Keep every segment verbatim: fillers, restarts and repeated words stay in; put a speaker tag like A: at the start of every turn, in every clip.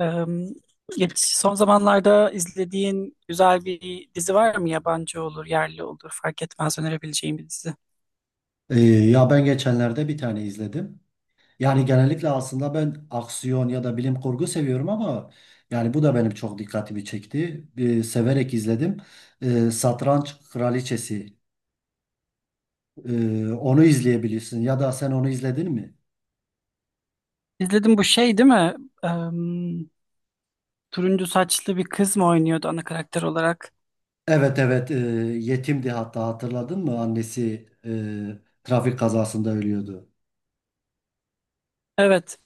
A: Eee, geç- son zamanlarda izlediğin güzel bir dizi var mı? Yabancı olur, yerli olur, fark etmez, önerebileceğim bir dizi.
B: Ee, ya ben geçenlerde bir tane izledim. Yani genellikle aslında ben aksiyon ya da bilim kurgu seviyorum ama yani bu da benim çok dikkatimi çekti. Ee, severek izledim. Ee, Satranç Kraliçesi. Ee, onu izleyebilirsin ya da sen onu izledin mi?
A: İzledim, bu şey değil mi? Turuncu saçlı bir kız mı oynuyordu ana karakter olarak?
B: Evet, evet, e, yetimdi, hatta hatırladın mı? Annesi e, trafik kazasında ölüyordu.
A: Evet.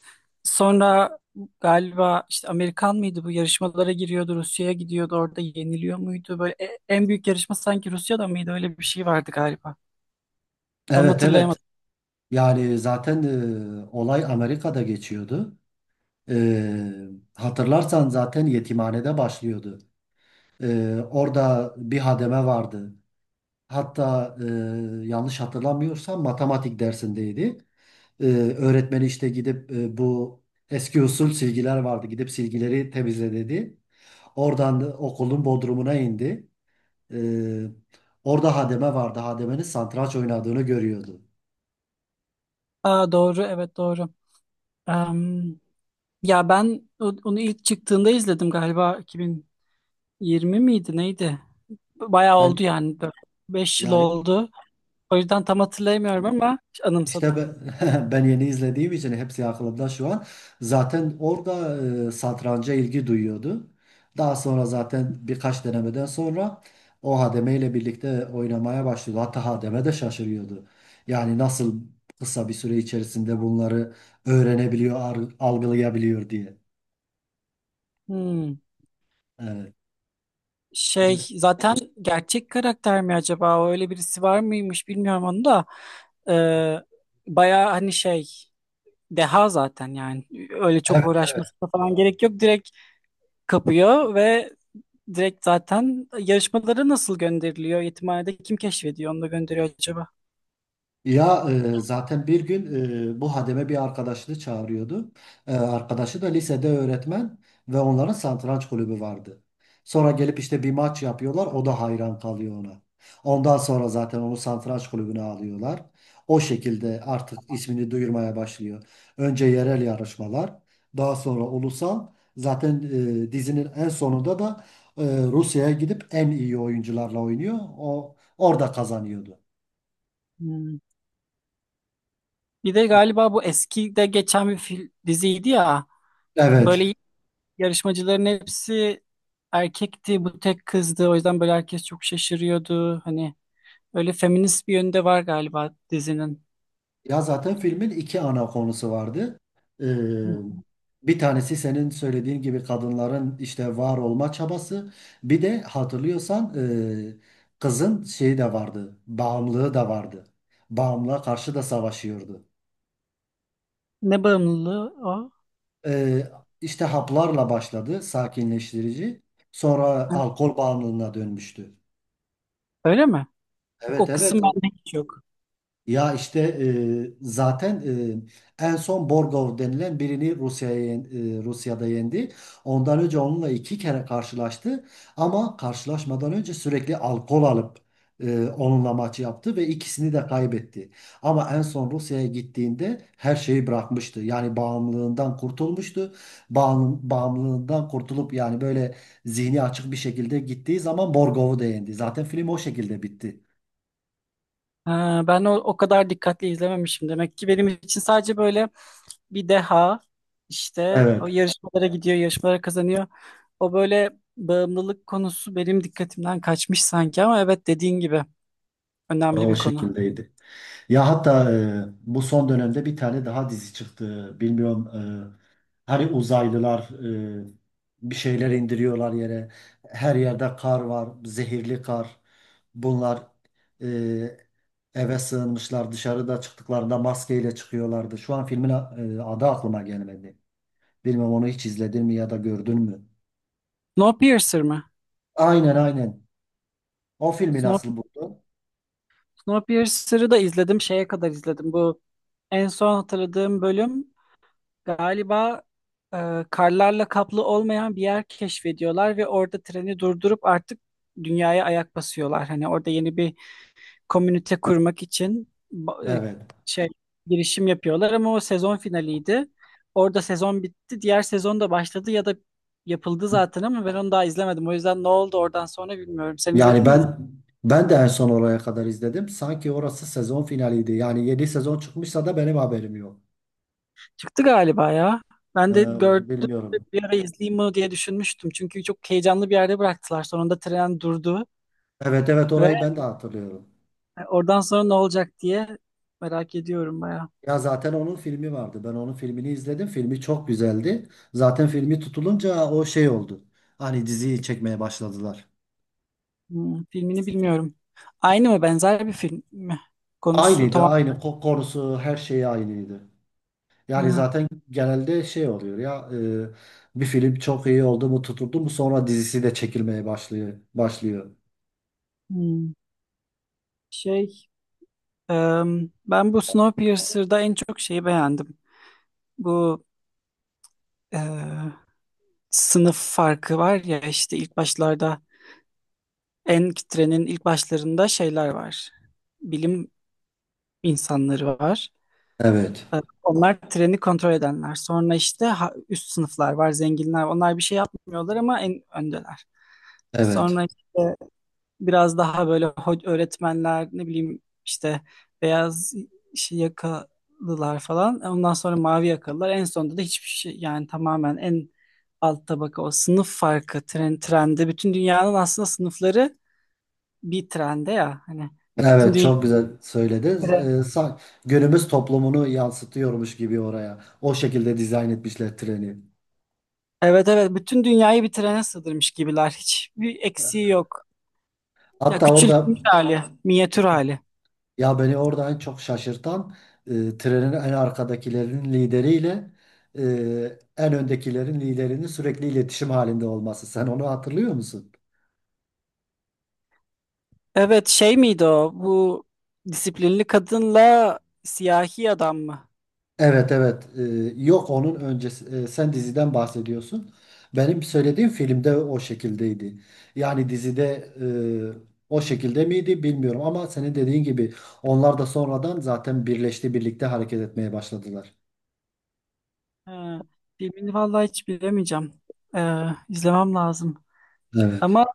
A: Sonra galiba işte Amerikan mıydı, bu yarışmalara giriyordu, Rusya'ya gidiyordu, orada yeniliyor muydu? Böyle e- en büyük yarışma sanki Rusya'da mıydı? Öyle bir şey vardı galiba. Tam
B: Evet, evet,
A: hatırlayamadım.
B: yani zaten e, olay Amerika'da geçiyordu. E, Hatırlarsan zaten yetimhanede başlıyordu. Ee, orada bir hademe vardı. Hatta e, yanlış hatırlamıyorsam matematik dersindeydi. Ee, Öğretmeni işte gidip e, bu eski usul silgiler vardı. Gidip silgileri temizle dedi. Oradan da okulun bodrumuna indi. Ee, Orada hademe vardı. Hademenin satranç oynadığını görüyordu.
A: Aa, doğru, evet, doğru. Em, ya ben o- onu ilk çıktığında izledim, galiba iki bin yirmi miydi neydi? Bayağı
B: Ben
A: oldu yani, beş yıl
B: yani
A: oldu. O yüzden tam hatırlayamıyorum ama
B: İşte
A: anımsadım.
B: ben, ben yeni izlediğim için hepsi aklımda şu an. Zaten orada e, satranca ilgi duyuyordu. Daha sonra zaten birkaç denemeden sonra o hademe ile birlikte oynamaya başladı. Hatta hademe de şaşırıyordu. Yani nasıl kısa bir süre içerisinde bunları öğrenebiliyor, ar- algılayabiliyor diye.
A: Hmm. Şey,
B: Evet.
A: zaten gerçek karakter mi acaba? O, öyle birisi var mıymış, bilmiyorum onu da. Ee, baya hani şey, deha zaten yani. Öyle çok uğraşmasına falan gerek yok. Direkt kapıyor ve direkt zaten yarışmalara nasıl gönderiliyor? Yetimhanede kim keşfediyor, onu da gönderiyor acaba?
B: Ya e, zaten bir gün e, bu hademe bir arkadaşını çağırıyordu. E, arkadaşı da lisede öğretmen ve onların satranç kulübü vardı. Sonra gelip işte bir maç yapıyorlar. O da hayran kalıyor ona. Ondan sonra zaten onu satranç kulübüne alıyorlar. O şekilde artık ismini duyurmaya başlıyor. Önce yerel yarışmalar, daha sonra ulusal. Zaten e, dizinin en sonunda da e, Rusya'ya gidip en iyi oyuncularla oynuyor. O orada kazanıyordu.
A: Hmm. Bir de galiba bu eski de geçen bir fil, diziydi ya.
B: Evet.
A: Böyle yarışmacıların hepsi erkekti, bu tek kızdı. O yüzden böyle herkes çok şaşırıyordu. Hani öyle feminist bir yönde var galiba dizinin.
B: Ya zaten filmin iki ana konusu vardı. Ee, Bir tanesi senin söylediğin gibi kadınların işte var olma çabası. Bir de hatırlıyorsan e, kızın şeyi de vardı. Bağımlılığı da vardı. Bağımlılığa karşı da savaşıyordu.
A: Ne bağımlılığı o?
B: Ee, işte haplarla başladı sakinleştirici. Sonra
A: Ha,
B: alkol bağımlılığına dönmüştü.
A: öyle mi? Bak,
B: Evet,
A: o kısım
B: evet.
A: bende hiç yok.
B: Ya işte e, zaten e, en son Borgov denilen birini Rusya'ya yen- e, Rusya'da yendi. Ondan önce onunla iki kere karşılaştı ama karşılaşmadan önce sürekli alkol alıp e, onunla maç yaptı ve ikisini de kaybetti. Ama en son Rusya'ya gittiğinde her şeyi bırakmıştı. Yani bağımlılığından kurtulmuştu. Bağım- bağımlılığından kurtulup yani böyle zihni açık bir şekilde gittiği zaman Borgov'u da yendi. Zaten film o şekilde bitti.
A: Ha, ben o, o kadar dikkatli izlememişim. Demek ki benim için sadece böyle bir deha, işte o
B: Evet,
A: yarışmalara gidiyor, yarışmalara kazanıyor. O böyle, bağımlılık konusu benim dikkatimden kaçmış sanki ama evet, dediğin gibi önemli
B: o
A: bir konu.
B: şekildeydi. Ya hatta e, bu son dönemde bir tane daha dizi çıktı. Bilmiyorum, e, hani uzaylılar e, bir şeyler indiriyorlar yere. Her yerde kar var, zehirli kar. Bunlar e, eve sığınmışlar. Dışarıda çıktıklarında maskeyle çıkıyorlardı. Şu an filmin a- e, adı aklıma gelmedi. Bilmem onu hiç izledin mi ya da gördün mü?
A: Snowpiercer mı?
B: Aynen, aynen. O filmi nasıl buldun?
A: Snowpiercer'ı da izledim. Şeye kadar izledim. Bu en son hatırladığım bölüm galiba e, karlarla kaplı olmayan bir yer keşfediyorlar ve orada treni durdurup artık dünyaya ayak basıyorlar. Hani orada yeni bir komünite kurmak için ba- e,
B: Evet.
A: şey, girişim yapıyorlar ama o sezon finaliydi. Orada sezon bitti. Diğer sezon da başladı ya da yapıldı zaten ama ben onu daha izlemedim. O yüzden ne oldu oradan sonra bilmiyorum. Sen
B: Yani
A: izledin mi?
B: ben Ben de en son oraya kadar izledim. Sanki orası sezon finaliydi. Yani yeni sezon çıkmışsa da benim haberim yok.
A: Çıktı galiba ya.
B: Ee,
A: Ben de
B: onu
A: gördüm,
B: bilmiyorum.
A: bir ara izleyeyim mi diye düşünmüştüm. Çünkü çok heyecanlı bir yerde bıraktılar. Sonunda tren durdu
B: Evet, evet,
A: ve
B: orayı ben de hatırlıyorum.
A: oradan sonra ne olacak diye merak ediyorum bayağı.
B: Ya zaten onun filmi vardı. Ben onun filmini izledim. Filmi çok güzeldi. Zaten filmi tutulunca o şey oldu. Hani diziyi çekmeye başladılar.
A: Hmm, filmini bilmiyorum. Aynı mı, benzer bir film mi? Konusu
B: Aynıydı,
A: tamam.
B: aynı ko- konusu, her şeyi aynıydı. Yani
A: Ha,
B: zaten genelde şey oluyor ya, e, bir film çok iyi oldu mu tutuldu mu sonra dizisi de çekilmeye başlıyor başlıyor.
A: hmm. Şey, em, ben bu Snowpiercer'da en çok şeyi beğendim. Bu e, sınıf farkı var ya, işte ilk başlarda, en trenin ilk başlarında şeyler var, bilim insanları var.
B: Evet.
A: Ee, Onlar treni kontrol edenler. Sonra işte ha- üst sınıflar var, zenginler. Onlar bir şey yapmıyorlar ama en öndeler.
B: Evet.
A: Sonra işte biraz daha böyle ho- öğretmenler, ne bileyim işte, beyaz şey yakalılar falan. Ondan sonra mavi yakalılar. En sonunda da hiçbir şey, yani tamamen en alt tabaka o sınıf farkı, tren, trende. Bütün dünyanın aslında sınıfları bir trende ya. Hani bütün
B: Evet,
A: dünya.
B: çok güzel söylediniz. Ee, sa- günümüz toplumunu yansıtıyormuş gibi oraya. O şekilde dizayn etmişler treni.
A: Evet, evet, bütün dünyayı bir trene sığdırmış gibiler. Hiçbir eksiği yok. Ya,
B: Hatta orada,
A: küçültmüş hali, minyatür hali.
B: ya beni orada en çok şaşırtan e, trenin en arkadakilerin lideriyle e, en öndekilerin liderinin sürekli iletişim halinde olması. Sen onu hatırlıyor musun?
A: Evet, şey miydi o? Bu disiplinli kadınla siyahi adam mı?
B: Evet, evet. Ee, yok, onun öncesi, e, sen diziden bahsediyorsun. Benim söylediğim filmde o şekildeydi. Yani dizide e, o şekilde miydi bilmiyorum ama senin dediğin gibi onlar da sonradan zaten birleşti, birlikte hareket etmeye başladılar.
A: Ha, filmini vallahi hiç bilemeyeceğim. Ee, izlemem lazım.
B: Evet,
A: Ama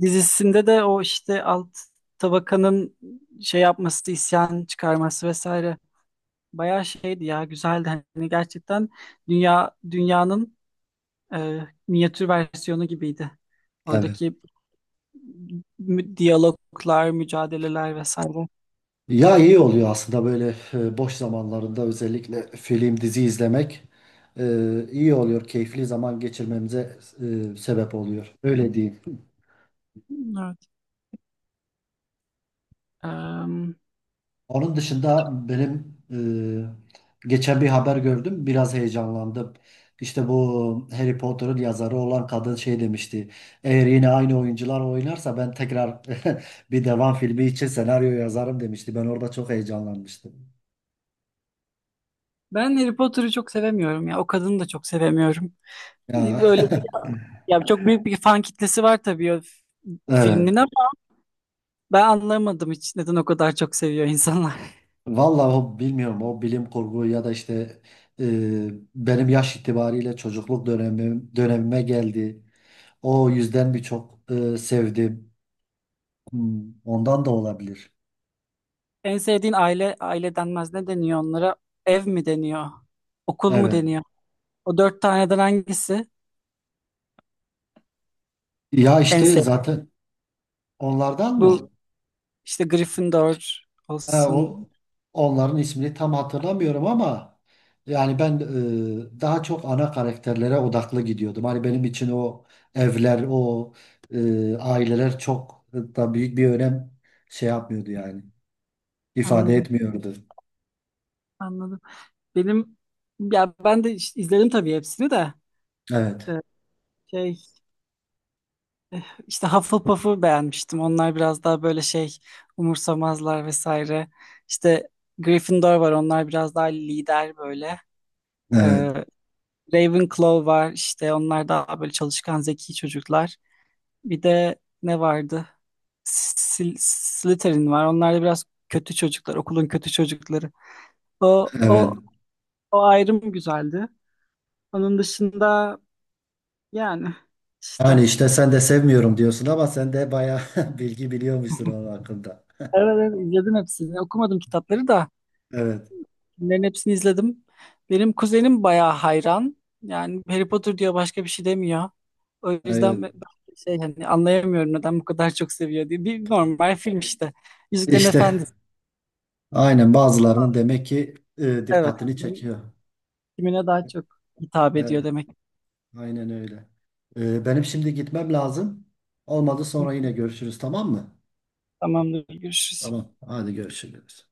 A: dizisinde de o işte alt tabakanın şey yapması, isyan çıkarması vesaire. Bayağı şeydi ya, güzeldi. Hani gerçekten dünya dünyanın e, minyatür versiyonu gibiydi.
B: evet.
A: Oradaki mü- diyaloglar, mücadeleler vesaire.
B: Ya iyi oluyor aslında böyle, e, boş zamanlarında özellikle film dizi izlemek e, iyi oluyor. Keyifli zaman geçirmemize e, sebep oluyor. Öyle diyeyim.
A: Evet. Em,
B: Onun dışında benim e, geçen bir haber gördüm. Biraz heyecanlandım. İşte bu Harry Potter'ın yazarı olan kadın şey demişti. Eğer yine aynı oyuncular oynarsa ben tekrar bir devam filmi için senaryo yazarım demişti. Ben orada çok heyecanlanmıştım.
A: ben Harry Potter'ı çok sevemiyorum ya. O kadını da çok sevemiyorum.
B: Ya
A: E, Böyle ya, çok büyük bir fan kitlesi var tabii, o f- filmin
B: evet.
A: ama ben anlamadım hiç neden o kadar çok seviyor insanlar.
B: Vallahi, o bilmiyorum, o bilim kurgu ya da işte e, benim yaş itibariyle çocukluk dönemim, dönemime geldi. O yüzden birçok e, sevdim. Hmm, ondan da olabilir.
A: En sevdiğin aile, aile denmez, ne deniyor onlara? Ev mi deniyor? Okul mu
B: Evet.
A: deniyor? O dört taneden hangisi
B: Ya
A: en
B: işte
A: sevdiğin?
B: zaten onlardan
A: Bu
B: mı?
A: işte Gryffindor
B: Ha,
A: olsun.
B: o, onların ismini tam hatırlamıyorum ama yani ben e, daha çok ana karakterlere odaklı gidiyordum. Hani benim için o evler, o e, aileler çok da büyük bir önem şey yapmıyordu yani. İfade
A: Anladım.
B: etmiyordu.
A: Anladım. Benim ya ben de işte izledim tabii hepsini de.
B: Evet.
A: Ee, şey işte Hufflepuff'u beğenmiştim. Onlar biraz daha böyle şey, umursamazlar vesaire. İşte Gryffindor var. Onlar biraz daha lider böyle.
B: Evet.
A: Ee, Ravenclaw var. İşte onlar daha böyle çalışkan, zeki çocuklar. Bir de ne vardı? Sil Slytherin var. Onlar da biraz kötü çocuklar, okulun kötü çocukları. O o
B: Evet.
A: o ayrım güzeldi. Onun dışında, yani işte,
B: Yani işte sen de sevmiyorum diyorsun ama sen de bayağı bilgi biliyormuşsun onun hakkında.
A: evet, ara izledim hepsini. Okumadım kitapları da
B: Evet.
A: bunların hepsini izledim. Benim kuzenim bayağı hayran. Yani Harry Potter diyor, başka bir şey demiyor. O yüzden
B: Evet.
A: ben ben şey, hani anlayamıyorum neden bu kadar çok seviyor diye. Bir normal film işte. Yüzüklerin
B: İşte
A: Efendisi.
B: aynen, bazılarının demek ki e,
A: Evet.
B: dikkatini
A: Kim-
B: çekiyor.
A: Kimine daha çok hitap ediyor
B: Evet,
A: demek.
B: aynen öyle. E, benim şimdi gitmem lazım. Olmadı
A: Hı,
B: sonra yine görüşürüz, tamam mı?
A: tamamdır. Görüşürüz.
B: Tamam, hadi görüşürüz.